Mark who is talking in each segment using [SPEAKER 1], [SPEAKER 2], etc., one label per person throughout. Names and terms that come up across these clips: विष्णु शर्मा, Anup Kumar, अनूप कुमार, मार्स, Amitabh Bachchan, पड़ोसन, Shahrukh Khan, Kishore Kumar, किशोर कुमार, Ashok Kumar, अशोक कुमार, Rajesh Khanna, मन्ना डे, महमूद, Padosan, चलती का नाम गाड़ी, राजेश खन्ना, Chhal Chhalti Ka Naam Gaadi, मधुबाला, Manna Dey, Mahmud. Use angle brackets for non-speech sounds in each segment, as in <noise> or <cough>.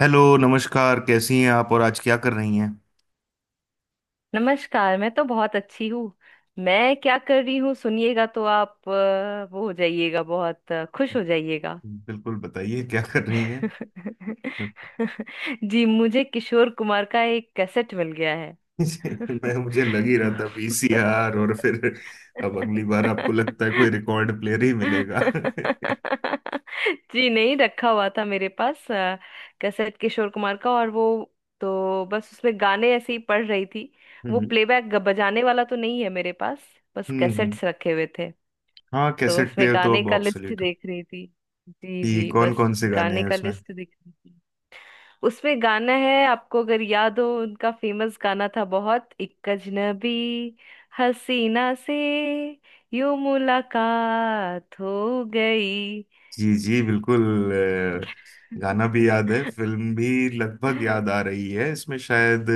[SPEAKER 1] Hello, नमस्कार। कैसी हैं आप और आज क्या कर रही हैं।
[SPEAKER 2] नमस्कार, मैं तो बहुत अच्छी हूँ। मैं क्या कर रही हूँ सुनिएगा तो आप वो हो जाइएगा, बहुत खुश हो जाइएगा।
[SPEAKER 1] बिल्कुल, बताइए क्या कर रही हैं।
[SPEAKER 2] <laughs> जी, मुझे किशोर कुमार का एक कैसेट मिल गया है। <laughs>
[SPEAKER 1] <laughs> मैं, मुझे लग ही
[SPEAKER 2] तो।
[SPEAKER 1] रहा था वीसीआर, और फिर अब अगली बार आपको लगता है कोई
[SPEAKER 2] <laughs>
[SPEAKER 1] रिकॉर्ड प्लेयर ही मिलेगा। <laughs>
[SPEAKER 2] <laughs> जी, नहीं रखा हुआ था मेरे पास कैसेट, किशोर कुमार का। और वो, तो बस उसमें गाने ऐसे ही पढ़ रही थी। वो प्लेबैक बजाने वाला तो नहीं है मेरे पास, बस
[SPEAKER 1] हम्म,
[SPEAKER 2] कैसेट्स रखे हुए थे।
[SPEAKER 1] हाँ,
[SPEAKER 2] तो
[SPEAKER 1] कैसेट
[SPEAKER 2] उसमें
[SPEAKER 1] प्लेयर तो
[SPEAKER 2] गाने
[SPEAKER 1] अब
[SPEAKER 2] का लिस्ट
[SPEAKER 1] ऑब्सोलीट।
[SPEAKER 2] देख रही थी। जी
[SPEAKER 1] कि
[SPEAKER 2] जी,
[SPEAKER 1] कौन
[SPEAKER 2] बस।
[SPEAKER 1] कौन से गाने
[SPEAKER 2] गाने
[SPEAKER 1] हैं
[SPEAKER 2] का
[SPEAKER 1] उसमें।
[SPEAKER 2] लिस्ट देख रही थी। उसमें गाना है, आपको अगर याद हो, उनका फेमस गाना था बहुत, एक अजनबी हसीना से यूं मुलाकात हो गई।
[SPEAKER 1] जी जी बिल्कुल। गाना भी याद है,
[SPEAKER 2] <laughs>
[SPEAKER 1] फिल्म भी लगभग याद आ रही है। इसमें शायद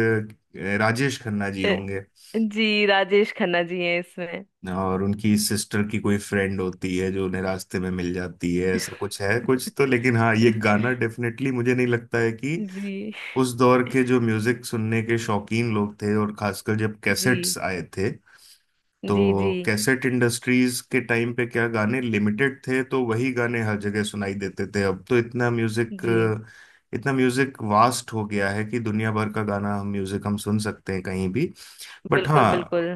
[SPEAKER 1] राजेश खन्ना जी
[SPEAKER 2] अ,
[SPEAKER 1] होंगे,
[SPEAKER 2] जी, राजेश खन्ना जी हैं इसमें।
[SPEAKER 1] और उनकी सिस्टर की कोई फ्रेंड होती है जो उन्हें रास्ते में मिल जाती है, ऐसा कुछ है कुछ। तो लेकिन हाँ, ये गाना डेफिनेटली मुझे नहीं लगता है कि
[SPEAKER 2] जी
[SPEAKER 1] उस दौर के जो म्यूजिक सुनने के शौकीन लोग थे, और खासकर जब
[SPEAKER 2] जी
[SPEAKER 1] कैसेट्स आए थे,
[SPEAKER 2] जी। जी
[SPEAKER 1] तो कैसेट इंडस्ट्रीज के टाइम पे क्या गाने लिमिटेड थे, तो वही गाने हर जगह सुनाई देते थे। अब तो इतना म्यूजिक,
[SPEAKER 2] जी,
[SPEAKER 1] इतना म्यूजिक वास्ट हो गया है कि दुनिया भर का गाना हम, म्यूजिक हम सुन सकते हैं कहीं भी। बट
[SPEAKER 2] बिल्कुल
[SPEAKER 1] हाँ,
[SPEAKER 2] बिल्कुल।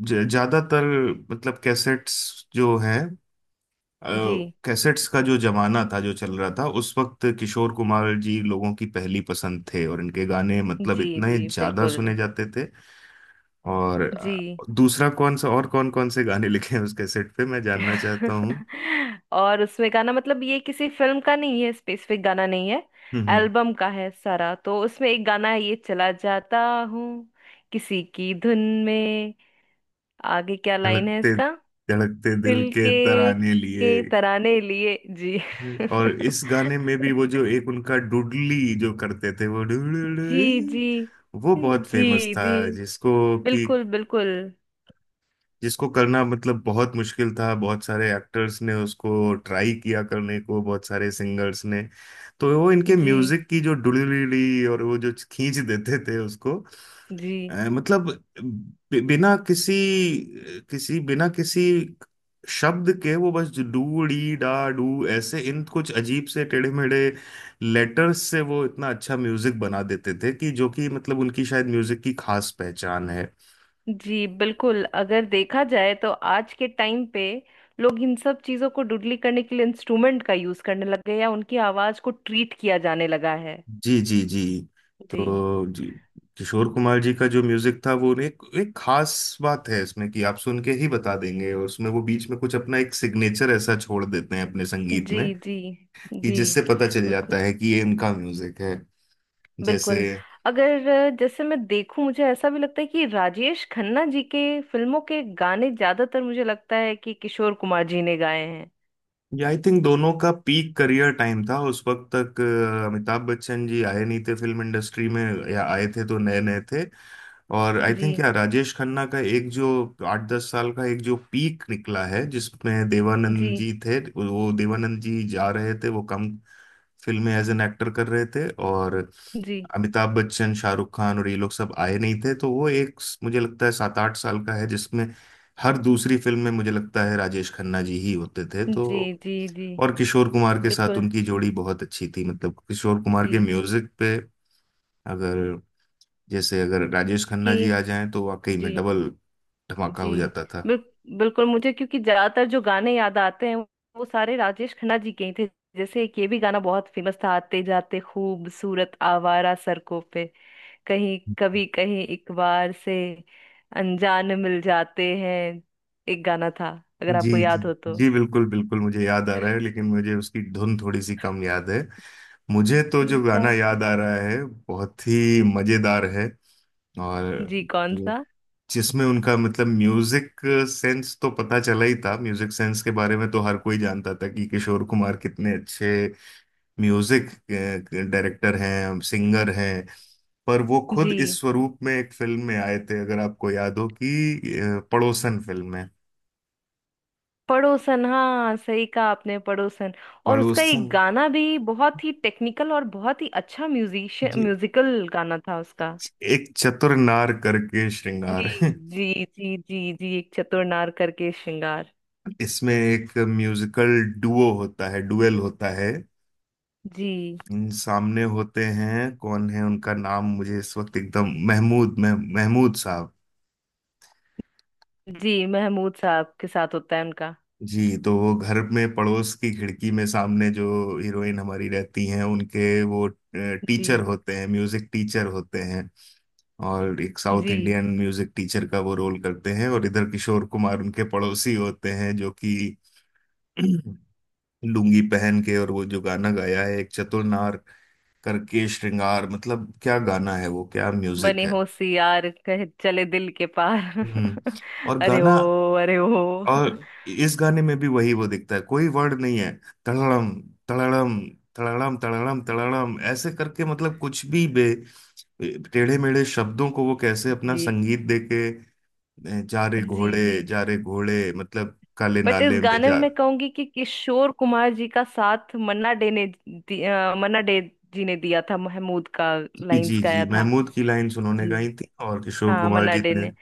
[SPEAKER 1] ज्यादातर मतलब कैसेट्स जो है,
[SPEAKER 2] जी
[SPEAKER 1] कैसेट्स का जो जमाना था, जो चल रहा था उस वक्त, किशोर कुमार जी लोगों की पहली पसंद थे, और इनके गाने मतलब
[SPEAKER 2] जी
[SPEAKER 1] इतने
[SPEAKER 2] जी,
[SPEAKER 1] ज्यादा
[SPEAKER 2] बिल्कुल।
[SPEAKER 1] सुने जाते थे। और
[SPEAKER 2] जी।
[SPEAKER 1] दूसरा कौन सा, और कौन कौन से गाने लिखे हैं उस कैसेट पे, मैं जानना चाहता हूँ।
[SPEAKER 2] <laughs> और उसमें गाना मतलब ये किसी फिल्म का नहीं है, स्पेसिफिक गाना नहीं है,
[SPEAKER 1] हम्म।
[SPEAKER 2] एल्बम का है सारा। तो उसमें एक गाना है, ये चला जाता हूँ किसी की धुन में। आगे क्या लाइन है
[SPEAKER 1] धड़कते
[SPEAKER 2] इसका?
[SPEAKER 1] धड़कते दिल
[SPEAKER 2] दिल
[SPEAKER 1] के
[SPEAKER 2] के
[SPEAKER 1] तराने लिए।
[SPEAKER 2] के तराने लिए। जी।
[SPEAKER 1] और
[SPEAKER 2] <laughs>
[SPEAKER 1] इस गाने में भी वो जो एक उनका डुडली जो करते थे, वो
[SPEAKER 2] जी जी
[SPEAKER 1] डुडली वो बहुत
[SPEAKER 2] जी
[SPEAKER 1] फेमस था,
[SPEAKER 2] जी,
[SPEAKER 1] जिसको कि
[SPEAKER 2] बिल्कुल बिल्कुल।
[SPEAKER 1] जिसको करना मतलब बहुत मुश्किल था। बहुत सारे एक्टर्स ने उसको ट्राई किया करने को, बहुत सारे सिंगर्स ने। तो वो इनके
[SPEAKER 2] जी
[SPEAKER 1] म्यूजिक की जो डुडली, और वो जो खींच देते थे उसको
[SPEAKER 2] जी
[SPEAKER 1] मतलब बिना किसी किसी बिना किसी शब्द के, वो बस डू डी डा डू, ऐसे इन कुछ अजीब से टेढ़े मेढ़े लेटर्स से वो इतना अच्छा म्यूजिक बना देते थे कि जो कि मतलब उनकी शायद म्यूजिक की खास पहचान है।
[SPEAKER 2] जी, बिल्कुल। अगर देखा जाए तो आज के टाइम पे लोग इन सब चीजों को डुडली करने के लिए इंस्ट्रूमेंट का यूज करने लग गए, या उनकी आवाज को ट्रीट किया जाने लगा है।
[SPEAKER 1] जी जी जी।
[SPEAKER 2] जी
[SPEAKER 1] तो जी किशोर कुमार जी का जो म्यूजिक था, वो एक एक खास बात है इसमें कि आप सुन के ही बता देंगे, और उसमें वो बीच में कुछ अपना एक सिग्नेचर ऐसा छोड़ देते हैं अपने संगीत
[SPEAKER 2] जी
[SPEAKER 1] में
[SPEAKER 2] जी
[SPEAKER 1] कि
[SPEAKER 2] जी,
[SPEAKER 1] जिससे पता चल
[SPEAKER 2] बिल्कुल
[SPEAKER 1] जाता है कि ये इनका म्यूजिक है।
[SPEAKER 2] बिल्कुल।
[SPEAKER 1] जैसे,
[SPEAKER 2] अगर जैसे मैं देखूं, मुझे ऐसा भी लगता है कि राजेश खन्ना जी के फिल्मों के गाने ज्यादातर, मुझे लगता है कि किशोर कुमार जी ने गाए हैं।
[SPEAKER 1] ये आई थिंक दोनों का पीक करियर टाइम था उस वक्त तक। अमिताभ बच्चन जी आए नहीं थे फिल्म इंडस्ट्री में, या आए थे तो नए नए थे। और आई
[SPEAKER 2] जी
[SPEAKER 1] थिंक यार राजेश खन्ना का एक जो 8-10 साल का एक जो पीक निकला है, जिसमें
[SPEAKER 2] जी
[SPEAKER 1] देवानंद जी थे, वो देवानंद जी जा रहे थे, वो कम फिल्में एज एन एक्टर कर रहे थे, और
[SPEAKER 2] जी।
[SPEAKER 1] अमिताभ बच्चन, शाहरुख खान और ये लोग सब आए नहीं थे। तो वो एक मुझे लगता है 7-8 साल का है जिसमें हर दूसरी फिल्म में मुझे लगता है राजेश खन्ना जी ही होते थे।
[SPEAKER 2] जी
[SPEAKER 1] तो
[SPEAKER 2] जी जी,
[SPEAKER 1] और किशोर कुमार के साथ
[SPEAKER 2] बिल्कुल।
[SPEAKER 1] उनकी जोड़ी बहुत अच्छी थी, मतलब किशोर कुमार
[SPEAKER 2] जी।
[SPEAKER 1] के म्यूजिक पे अगर, जैसे अगर राजेश खन्ना
[SPEAKER 2] कि।
[SPEAKER 1] जी आ जाएं तो वाकई में
[SPEAKER 2] जी
[SPEAKER 1] डबल धमाका
[SPEAKER 2] जी,
[SPEAKER 1] हो जाता था।
[SPEAKER 2] बिल, बिल्कुल मुझे, क्योंकि ज्यादातर जो गाने याद आते हैं वो सारे राजेश खन्ना जी के ही थे। जैसे एक ये भी गाना बहुत फेमस था, आते जाते खूबसूरत आवारा सड़कों पे, कहीं कभी, कहीं एक बार से अनजान मिल जाते हैं। एक गाना था, अगर
[SPEAKER 1] जी
[SPEAKER 2] आपको
[SPEAKER 1] जी
[SPEAKER 2] याद हो तो।
[SPEAKER 1] जी बिल्कुल बिल्कुल, मुझे याद आ रहा है, लेकिन मुझे उसकी धुन थोड़ी सी कम याद है। मुझे तो
[SPEAKER 2] आते
[SPEAKER 1] जो गाना
[SPEAKER 2] जाते।
[SPEAKER 1] याद आ रहा है, बहुत ही मजेदार है, और
[SPEAKER 2] जी, कौन सा?
[SPEAKER 1] जिसमें उनका मतलब म्यूजिक सेंस तो पता चला ही था। म्यूजिक सेंस के बारे में तो हर कोई जानता था कि किशोर कुमार कितने अच्छे म्यूजिक डायरेक्टर हैं, सिंगर हैं। पर वो खुद इस
[SPEAKER 2] जी,
[SPEAKER 1] स्वरूप में एक फिल्म में आए थे, अगर आपको याद हो कि पड़ोसन फिल्म है,
[SPEAKER 2] पड़ोसन, हाँ सही कहा आपने, पड़ोसन। और उसका एक
[SPEAKER 1] पड़ोसन।
[SPEAKER 2] गाना भी बहुत ही टेक्निकल और बहुत ही अच्छा म्यूजिशियन
[SPEAKER 1] जी
[SPEAKER 2] म्यूजिकल गाना था उसका।
[SPEAKER 1] एक चतुर नार करके
[SPEAKER 2] जी
[SPEAKER 1] श्रृंगार है।
[SPEAKER 2] जी जी जी जी, एक चतुर नार करके श्रृंगार।
[SPEAKER 1] इसमें एक म्यूजिकल डुओ होता है, डुएल होता है।
[SPEAKER 2] जी
[SPEAKER 1] इन सामने होते हैं, कौन है उनका नाम मुझे इस वक्त एकदम, महमूद महमूद साहब।
[SPEAKER 2] जी, महमूद साहब के साथ होता है उनका।
[SPEAKER 1] जी तो वो घर में पड़ोस की खिड़की में सामने जो हीरोइन हमारी रहती हैं, उनके वो टीचर
[SPEAKER 2] जी
[SPEAKER 1] होते हैं, म्यूजिक टीचर होते हैं, और एक साउथ
[SPEAKER 2] जी,
[SPEAKER 1] इंडियन म्यूजिक टीचर का वो रोल करते हैं, और इधर किशोर कुमार उनके पड़ोसी होते हैं जो कि <clears throat> लुंगी पहन के, और वो जो गाना गाया है, एक चतुर नार करके श्रृंगार, मतलब क्या गाना है वो, क्या म्यूजिक
[SPEAKER 2] बने
[SPEAKER 1] है।
[SPEAKER 2] हो सियार कहे चले दिल के पार।
[SPEAKER 1] हम्म।
[SPEAKER 2] <laughs>
[SPEAKER 1] और
[SPEAKER 2] अरे ओ
[SPEAKER 1] गाना,
[SPEAKER 2] अरे ओ।
[SPEAKER 1] और इस गाने में भी वही वो दिखता है, कोई वर्ड नहीं है, तड़ड़म तड़ड़म तड़ड़म तड़ड़म तड़ड़म, ऐसे करके मतलब कुछ भी बे टेढ़े मेढ़े शब्दों को वो कैसे अपना
[SPEAKER 2] जी
[SPEAKER 1] संगीत देके, जा रे
[SPEAKER 2] जी
[SPEAKER 1] घोड़े
[SPEAKER 2] जी,
[SPEAKER 1] जा रे घोड़े, मतलब काले
[SPEAKER 2] बट इस
[SPEAKER 1] नाले में
[SPEAKER 2] गाने में
[SPEAKER 1] जा।
[SPEAKER 2] मैं कहूंगी कि किशोर कुमार जी का साथ मन्ना डे ने मन्ना डे जी ने दिया था, महमूद का
[SPEAKER 1] जी
[SPEAKER 2] लाइंस
[SPEAKER 1] जी जी
[SPEAKER 2] गाया था।
[SPEAKER 1] महमूद की लाइन्स उन्होंने
[SPEAKER 2] जी,
[SPEAKER 1] गाई थी, और किशोर
[SPEAKER 2] हाँ,
[SPEAKER 1] कुमार
[SPEAKER 2] मन्ना
[SPEAKER 1] जी
[SPEAKER 2] डे
[SPEAKER 1] ने,
[SPEAKER 2] ने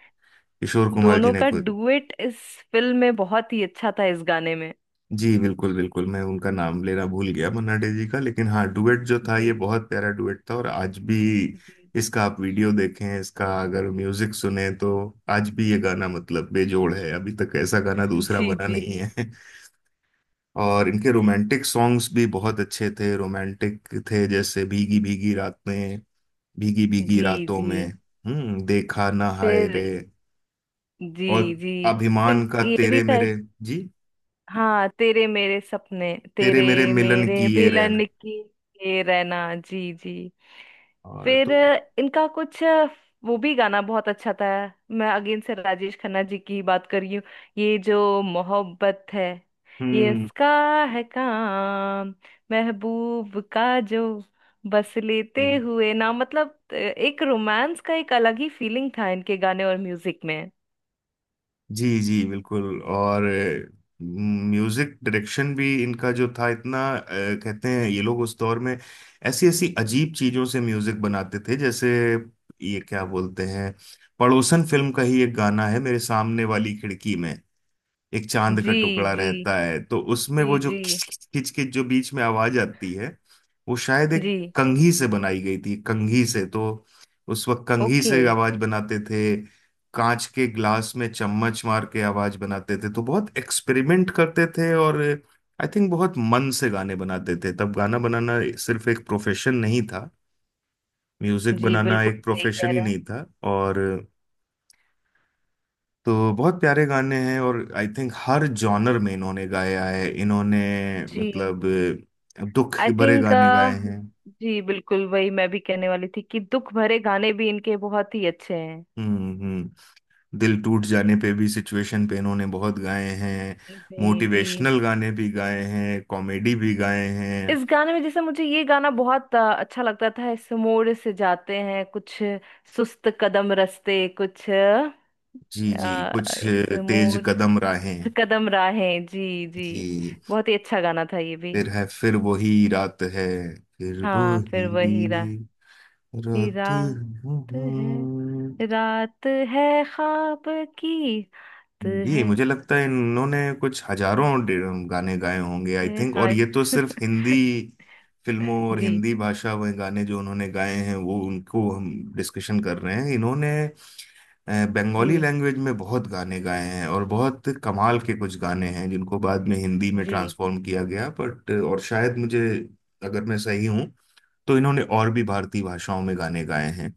[SPEAKER 1] किशोर कुमार जी
[SPEAKER 2] दोनों
[SPEAKER 1] ने
[SPEAKER 2] का
[SPEAKER 1] खुद।
[SPEAKER 2] डुएट इस फिल्म में बहुत ही अच्छा था, इस गाने में।
[SPEAKER 1] जी बिल्कुल बिल्कुल, मैं उनका नाम लेना भूल गया, मन्ना डे जी का। लेकिन हाँ डुएट जो था,
[SPEAKER 2] जी
[SPEAKER 1] ये बहुत प्यारा डुएट था, और आज भी
[SPEAKER 2] जी
[SPEAKER 1] इसका आप वीडियो देखें, इसका अगर म्यूजिक सुने, तो आज भी ये गाना मतलब बेजोड़ है, अभी तक ऐसा गाना दूसरा
[SPEAKER 2] जी
[SPEAKER 1] बना
[SPEAKER 2] जी
[SPEAKER 1] नहीं है। <laughs> और इनके रोमांटिक सॉन्ग्स भी बहुत अच्छे थे, रोमांटिक थे, जैसे भीगी भीगी रात में, भीगी भीगी
[SPEAKER 2] जी
[SPEAKER 1] रातों
[SPEAKER 2] जी।
[SPEAKER 1] में। हम्म, देखा ना हाय रे।
[SPEAKER 2] फिर। जी
[SPEAKER 1] और
[SPEAKER 2] जी। फिर
[SPEAKER 1] अभिमान का,
[SPEAKER 2] ये भी
[SPEAKER 1] तेरे
[SPEAKER 2] था।
[SPEAKER 1] मेरे। जी
[SPEAKER 2] हाँ, तेरे मेरे सपने,
[SPEAKER 1] तेरे
[SPEAKER 2] तेरे
[SPEAKER 1] मेरे मिलन
[SPEAKER 2] मेरे
[SPEAKER 1] की ये रैन।
[SPEAKER 2] मिलन की ये रहना। जी जी।
[SPEAKER 1] और
[SPEAKER 2] फिर
[SPEAKER 1] तो
[SPEAKER 2] इनका कुछ, वो भी गाना बहुत अच्छा था। मैं अगेन से राजेश खन्ना जी की बात कर रही हूँ। ये जो मोहब्बत है, ये
[SPEAKER 1] हम्म।
[SPEAKER 2] इसका है काम, महबूब का जो बस लेते हुए ना, मतलब एक रोमांस का एक अलग ही फीलिंग था इनके गाने और म्यूजिक में।
[SPEAKER 1] जी जी बिल्कुल। और म्यूजिक डायरेक्शन भी इनका जो था इतना कहते हैं ये लोग उस दौर में ऐसी ऐसी अजीब चीजों से म्यूजिक बनाते थे, जैसे ये क्या बोलते हैं, पड़ोसन फिल्म का ही एक गाना है, मेरे सामने वाली खिड़की में एक चांद का
[SPEAKER 2] जी
[SPEAKER 1] टुकड़ा
[SPEAKER 2] जी
[SPEAKER 1] रहता है। तो उसमें वो
[SPEAKER 2] जी
[SPEAKER 1] जो
[SPEAKER 2] जी
[SPEAKER 1] खिच खिच खिच खिच जो बीच में आवाज आती है, वो शायद एक
[SPEAKER 2] जी,
[SPEAKER 1] कंघी से बनाई गई थी, कंघी से। तो उस वक्त कंघी
[SPEAKER 2] ओके।
[SPEAKER 1] से आवाज बनाते थे, कांच के ग्लास में चम्मच मार के आवाज बनाते थे, तो बहुत एक्सपेरिमेंट करते थे। और आई थिंक बहुत मन से गाने बनाते थे, तब गाना बनाना सिर्फ एक प्रोफेशन नहीं था, म्यूजिक
[SPEAKER 2] जी,
[SPEAKER 1] बनाना
[SPEAKER 2] बिल्कुल
[SPEAKER 1] एक
[SPEAKER 2] सही कह
[SPEAKER 1] प्रोफेशन ही
[SPEAKER 2] रहे हैं।
[SPEAKER 1] नहीं था। और तो बहुत प्यारे गाने हैं, और आई थिंक हर जॉनर में इन्होंने गाया है। इन्होंने
[SPEAKER 2] जी,
[SPEAKER 1] मतलब दुख
[SPEAKER 2] आई
[SPEAKER 1] भरे
[SPEAKER 2] थिंक।
[SPEAKER 1] गाने गाए हैं।
[SPEAKER 2] जी बिल्कुल, वही मैं भी कहने वाली थी कि दुख भरे गाने भी इनके बहुत ही अच्छे हैं।
[SPEAKER 1] हम्म। दिल टूट जाने पे भी, सिचुएशन पे इन्होंने बहुत गाए हैं,
[SPEAKER 2] जी जी।
[SPEAKER 1] मोटिवेशनल गाने भी गाए हैं, कॉमेडी भी गाए हैं।
[SPEAKER 2] इस गाने में जैसे मुझे ये गाना बहुत अच्छा लगता था, इस मोड़ से जाते हैं कुछ सुस्त कदम रस्ते कुछ,
[SPEAKER 1] जी जी
[SPEAKER 2] अ,
[SPEAKER 1] कुछ
[SPEAKER 2] इस
[SPEAKER 1] तेज
[SPEAKER 2] मोड़
[SPEAKER 1] कदम
[SPEAKER 2] से
[SPEAKER 1] राहें।
[SPEAKER 2] कदम राहें। जी जी,
[SPEAKER 1] जी
[SPEAKER 2] बहुत ही अच्छा गाना था ये भी।
[SPEAKER 1] फिर है फिर वही रात है, फिर
[SPEAKER 2] हाँ, फिर वही रा
[SPEAKER 1] वही
[SPEAKER 2] हीरा
[SPEAKER 1] रात है।
[SPEAKER 2] है, रात है ख्वाब की, रात
[SPEAKER 1] जी
[SPEAKER 2] है,
[SPEAKER 1] मुझे लगता है इन्होंने कुछ हजारों गाने गाए होंगे आई थिंक, और
[SPEAKER 2] हाय।
[SPEAKER 1] ये तो सिर्फ
[SPEAKER 2] <laughs>
[SPEAKER 1] हिंदी फिल्मों और
[SPEAKER 2] जी
[SPEAKER 1] हिंदी भाषा में गाने जो उन्होंने गाए हैं वो उनको हम डिस्कशन कर रहे हैं। इन्होंने बंगाली
[SPEAKER 2] जी
[SPEAKER 1] लैंग्वेज में बहुत गाने गाए हैं, और बहुत कमाल के कुछ गाने हैं जिनको बाद में हिंदी में
[SPEAKER 2] जी
[SPEAKER 1] ट्रांसफॉर्म किया गया, बट। और शायद मुझे, अगर मैं सही हूँ, तो इन्होंने और भी भारतीय भाषाओं में गाने गाए हैं।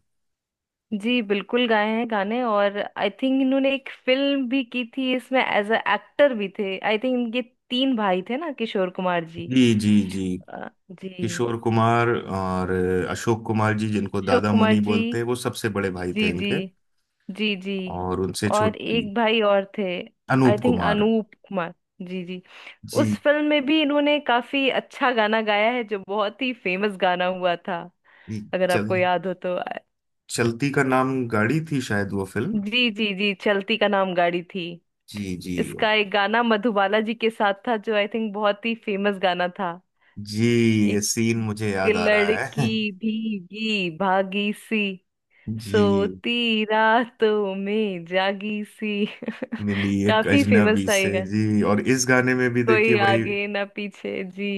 [SPEAKER 2] जी, बिल्कुल गाए हैं गाने। और आई थिंक इन्होंने एक फिल्म भी की थी, इसमें एज अ एक्टर भी थे। आई थिंक इनके तीन भाई थे ना, किशोर कुमार जी।
[SPEAKER 1] जी जी जी।
[SPEAKER 2] जी,
[SPEAKER 1] किशोर कुमार, और अशोक कुमार जी, जिनको
[SPEAKER 2] अशोक
[SPEAKER 1] दादा
[SPEAKER 2] कुमार
[SPEAKER 1] मुनि
[SPEAKER 2] जी।
[SPEAKER 1] बोलते हैं, वो सबसे बड़े भाई थे
[SPEAKER 2] जी जी
[SPEAKER 1] इनके।
[SPEAKER 2] जी जी,
[SPEAKER 1] और उनसे
[SPEAKER 2] और
[SPEAKER 1] छोटी,
[SPEAKER 2] एक भाई और थे, आई
[SPEAKER 1] अनूप
[SPEAKER 2] थिंक
[SPEAKER 1] कुमार।
[SPEAKER 2] अनूप कुमार। जी जी। उस
[SPEAKER 1] जी
[SPEAKER 2] फिल्म में भी इन्होंने काफी अच्छा गाना गाया है, जो बहुत ही फेमस गाना हुआ था,
[SPEAKER 1] जी,
[SPEAKER 2] अगर
[SPEAKER 1] चल
[SPEAKER 2] आपको याद हो तो।
[SPEAKER 1] चलती का नाम गाड़ी थी शायद वो फिल्म।
[SPEAKER 2] जी जी जी, चलती का नाम गाड़ी थी।
[SPEAKER 1] जी जी
[SPEAKER 2] इसका एक गाना मधुबाला जी के साथ था, जो आई थिंक बहुत ही फेमस गाना था।
[SPEAKER 1] जी, ये
[SPEAKER 2] एक
[SPEAKER 1] सीन मुझे याद आ रहा है।
[SPEAKER 2] लड़की भीगी भागी सी,
[SPEAKER 1] <laughs> जी,
[SPEAKER 2] सोती रातों में जागी सी।
[SPEAKER 1] मिली
[SPEAKER 2] <laughs>
[SPEAKER 1] एक
[SPEAKER 2] काफी फेमस
[SPEAKER 1] अजनबी
[SPEAKER 2] था ये
[SPEAKER 1] से।
[SPEAKER 2] गाना।
[SPEAKER 1] जी और इस गाने में भी देखिए
[SPEAKER 2] कोई
[SPEAKER 1] वही,
[SPEAKER 2] आगे ना पीछे। जी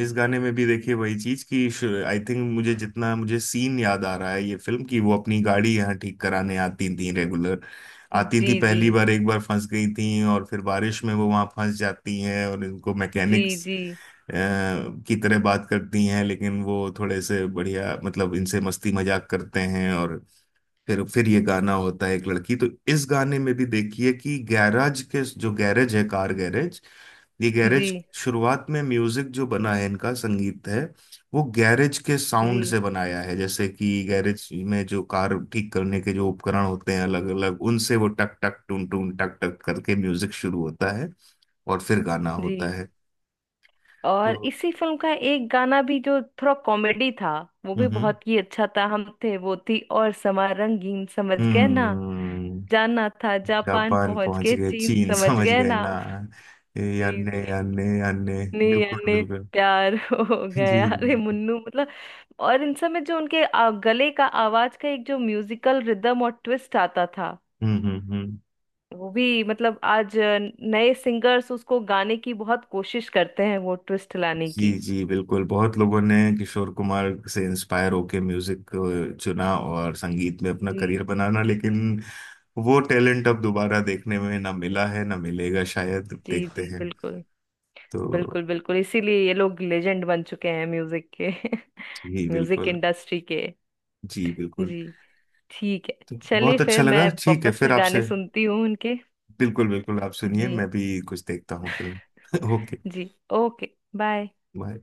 [SPEAKER 1] इस गाने में भी देखिए वही चीज कि आई थिंक, मुझे जितना मुझे सीन याद आ रहा है ये फिल्म की, वो अपनी गाड़ी यहाँ ठीक कराने आती थी, रेगुलर आती थी,
[SPEAKER 2] जी जी
[SPEAKER 1] पहली बार एक बार फंस गई थी, और फिर बारिश में वो वहां फंस जाती हैं, और इनको
[SPEAKER 2] जी
[SPEAKER 1] मैकेनिक्स
[SPEAKER 2] जी
[SPEAKER 1] की तरह बात करती हैं, लेकिन वो थोड़े से बढ़िया मतलब इनसे मस्ती मजाक करते हैं, और फिर ये गाना होता है एक लड़की। तो इस गाने में भी देखिए कि गैराज के, जो गैरेज है, कार गैरेज, ये
[SPEAKER 2] जी
[SPEAKER 1] गैरेज शुरुआत में म्यूजिक जो बना है इनका संगीत है, वो गैरेज के साउंड
[SPEAKER 2] जी
[SPEAKER 1] से बनाया है। जैसे कि गैरेज में जो कार ठीक करने के जो उपकरण होते हैं अलग अलग, उनसे वो टक टक टून टून टक टक करके म्यूजिक शुरू होता है, और फिर गाना
[SPEAKER 2] जी।
[SPEAKER 1] होता है।
[SPEAKER 2] और
[SPEAKER 1] तो
[SPEAKER 2] इसी फिल्म का एक गाना भी जो थोड़ा कॉमेडी था, वो भी
[SPEAKER 1] हम्म
[SPEAKER 2] बहुत ही अच्छा था। हम थे वो थी और समा रंगीन, समझ गए ना,
[SPEAKER 1] हम्म।
[SPEAKER 2] जाना था जापान
[SPEAKER 1] जापान
[SPEAKER 2] पहुंच
[SPEAKER 1] पहुंच
[SPEAKER 2] गए
[SPEAKER 1] गए
[SPEAKER 2] चीन,
[SPEAKER 1] चीन
[SPEAKER 2] समझ
[SPEAKER 1] समझ
[SPEAKER 2] गए
[SPEAKER 1] गए
[SPEAKER 2] ना।
[SPEAKER 1] ना। ये
[SPEAKER 2] जी,
[SPEAKER 1] अन्य अन्य अन्य,
[SPEAKER 2] नी
[SPEAKER 1] बिल्कुल
[SPEAKER 2] यानी
[SPEAKER 1] बिल्कुल।
[SPEAKER 2] प्यार <laughs> हो
[SPEAKER 1] जी
[SPEAKER 2] गया, अरे मुन्नू मतलब। और इन सब में जो उनके गले का आवाज का एक जो म्यूजिकल रिदम और ट्विस्ट आता था,
[SPEAKER 1] हम्म।
[SPEAKER 2] वो भी मतलब आज नए सिंगर्स उसको गाने की बहुत कोशिश करते हैं, वो ट्विस्ट लाने
[SPEAKER 1] जी
[SPEAKER 2] की।
[SPEAKER 1] जी बिल्कुल, बहुत लोगों ने किशोर कुमार से इंस्पायर होके म्यूजिक चुना और संगीत में अपना करियर
[SPEAKER 2] जी
[SPEAKER 1] बनाना, लेकिन वो टैलेंट अब दोबारा देखने में ना मिला है ना मिलेगा, शायद
[SPEAKER 2] जी।
[SPEAKER 1] देखते
[SPEAKER 2] जी,
[SPEAKER 1] हैं।
[SPEAKER 2] बिल्कुल
[SPEAKER 1] तो
[SPEAKER 2] बिल्कुल। बिल्कुल, इसीलिए ये लोग लेजेंड बन चुके हैं म्यूजिक के।
[SPEAKER 1] जी
[SPEAKER 2] <laughs> म्यूजिक
[SPEAKER 1] बिल्कुल।
[SPEAKER 2] इंडस्ट्री के।
[SPEAKER 1] जी बिल्कुल।
[SPEAKER 2] जी, ठीक है।
[SPEAKER 1] तो
[SPEAKER 2] चलिए,
[SPEAKER 1] बहुत अच्छा
[SPEAKER 2] फिर
[SPEAKER 1] लगा,
[SPEAKER 2] मैं
[SPEAKER 1] ठीक है
[SPEAKER 2] वापस
[SPEAKER 1] फिर
[SPEAKER 2] से
[SPEAKER 1] आपसे।
[SPEAKER 2] गाने सुनती हूँ उनके।
[SPEAKER 1] बिल्कुल बिल्कुल आप सुनिए,
[SPEAKER 2] जी
[SPEAKER 1] मैं भी कुछ देखता हूँ फिल्म। <laughs> ओके,
[SPEAKER 2] जी, ओके, बाय।
[SPEAKER 1] बाय।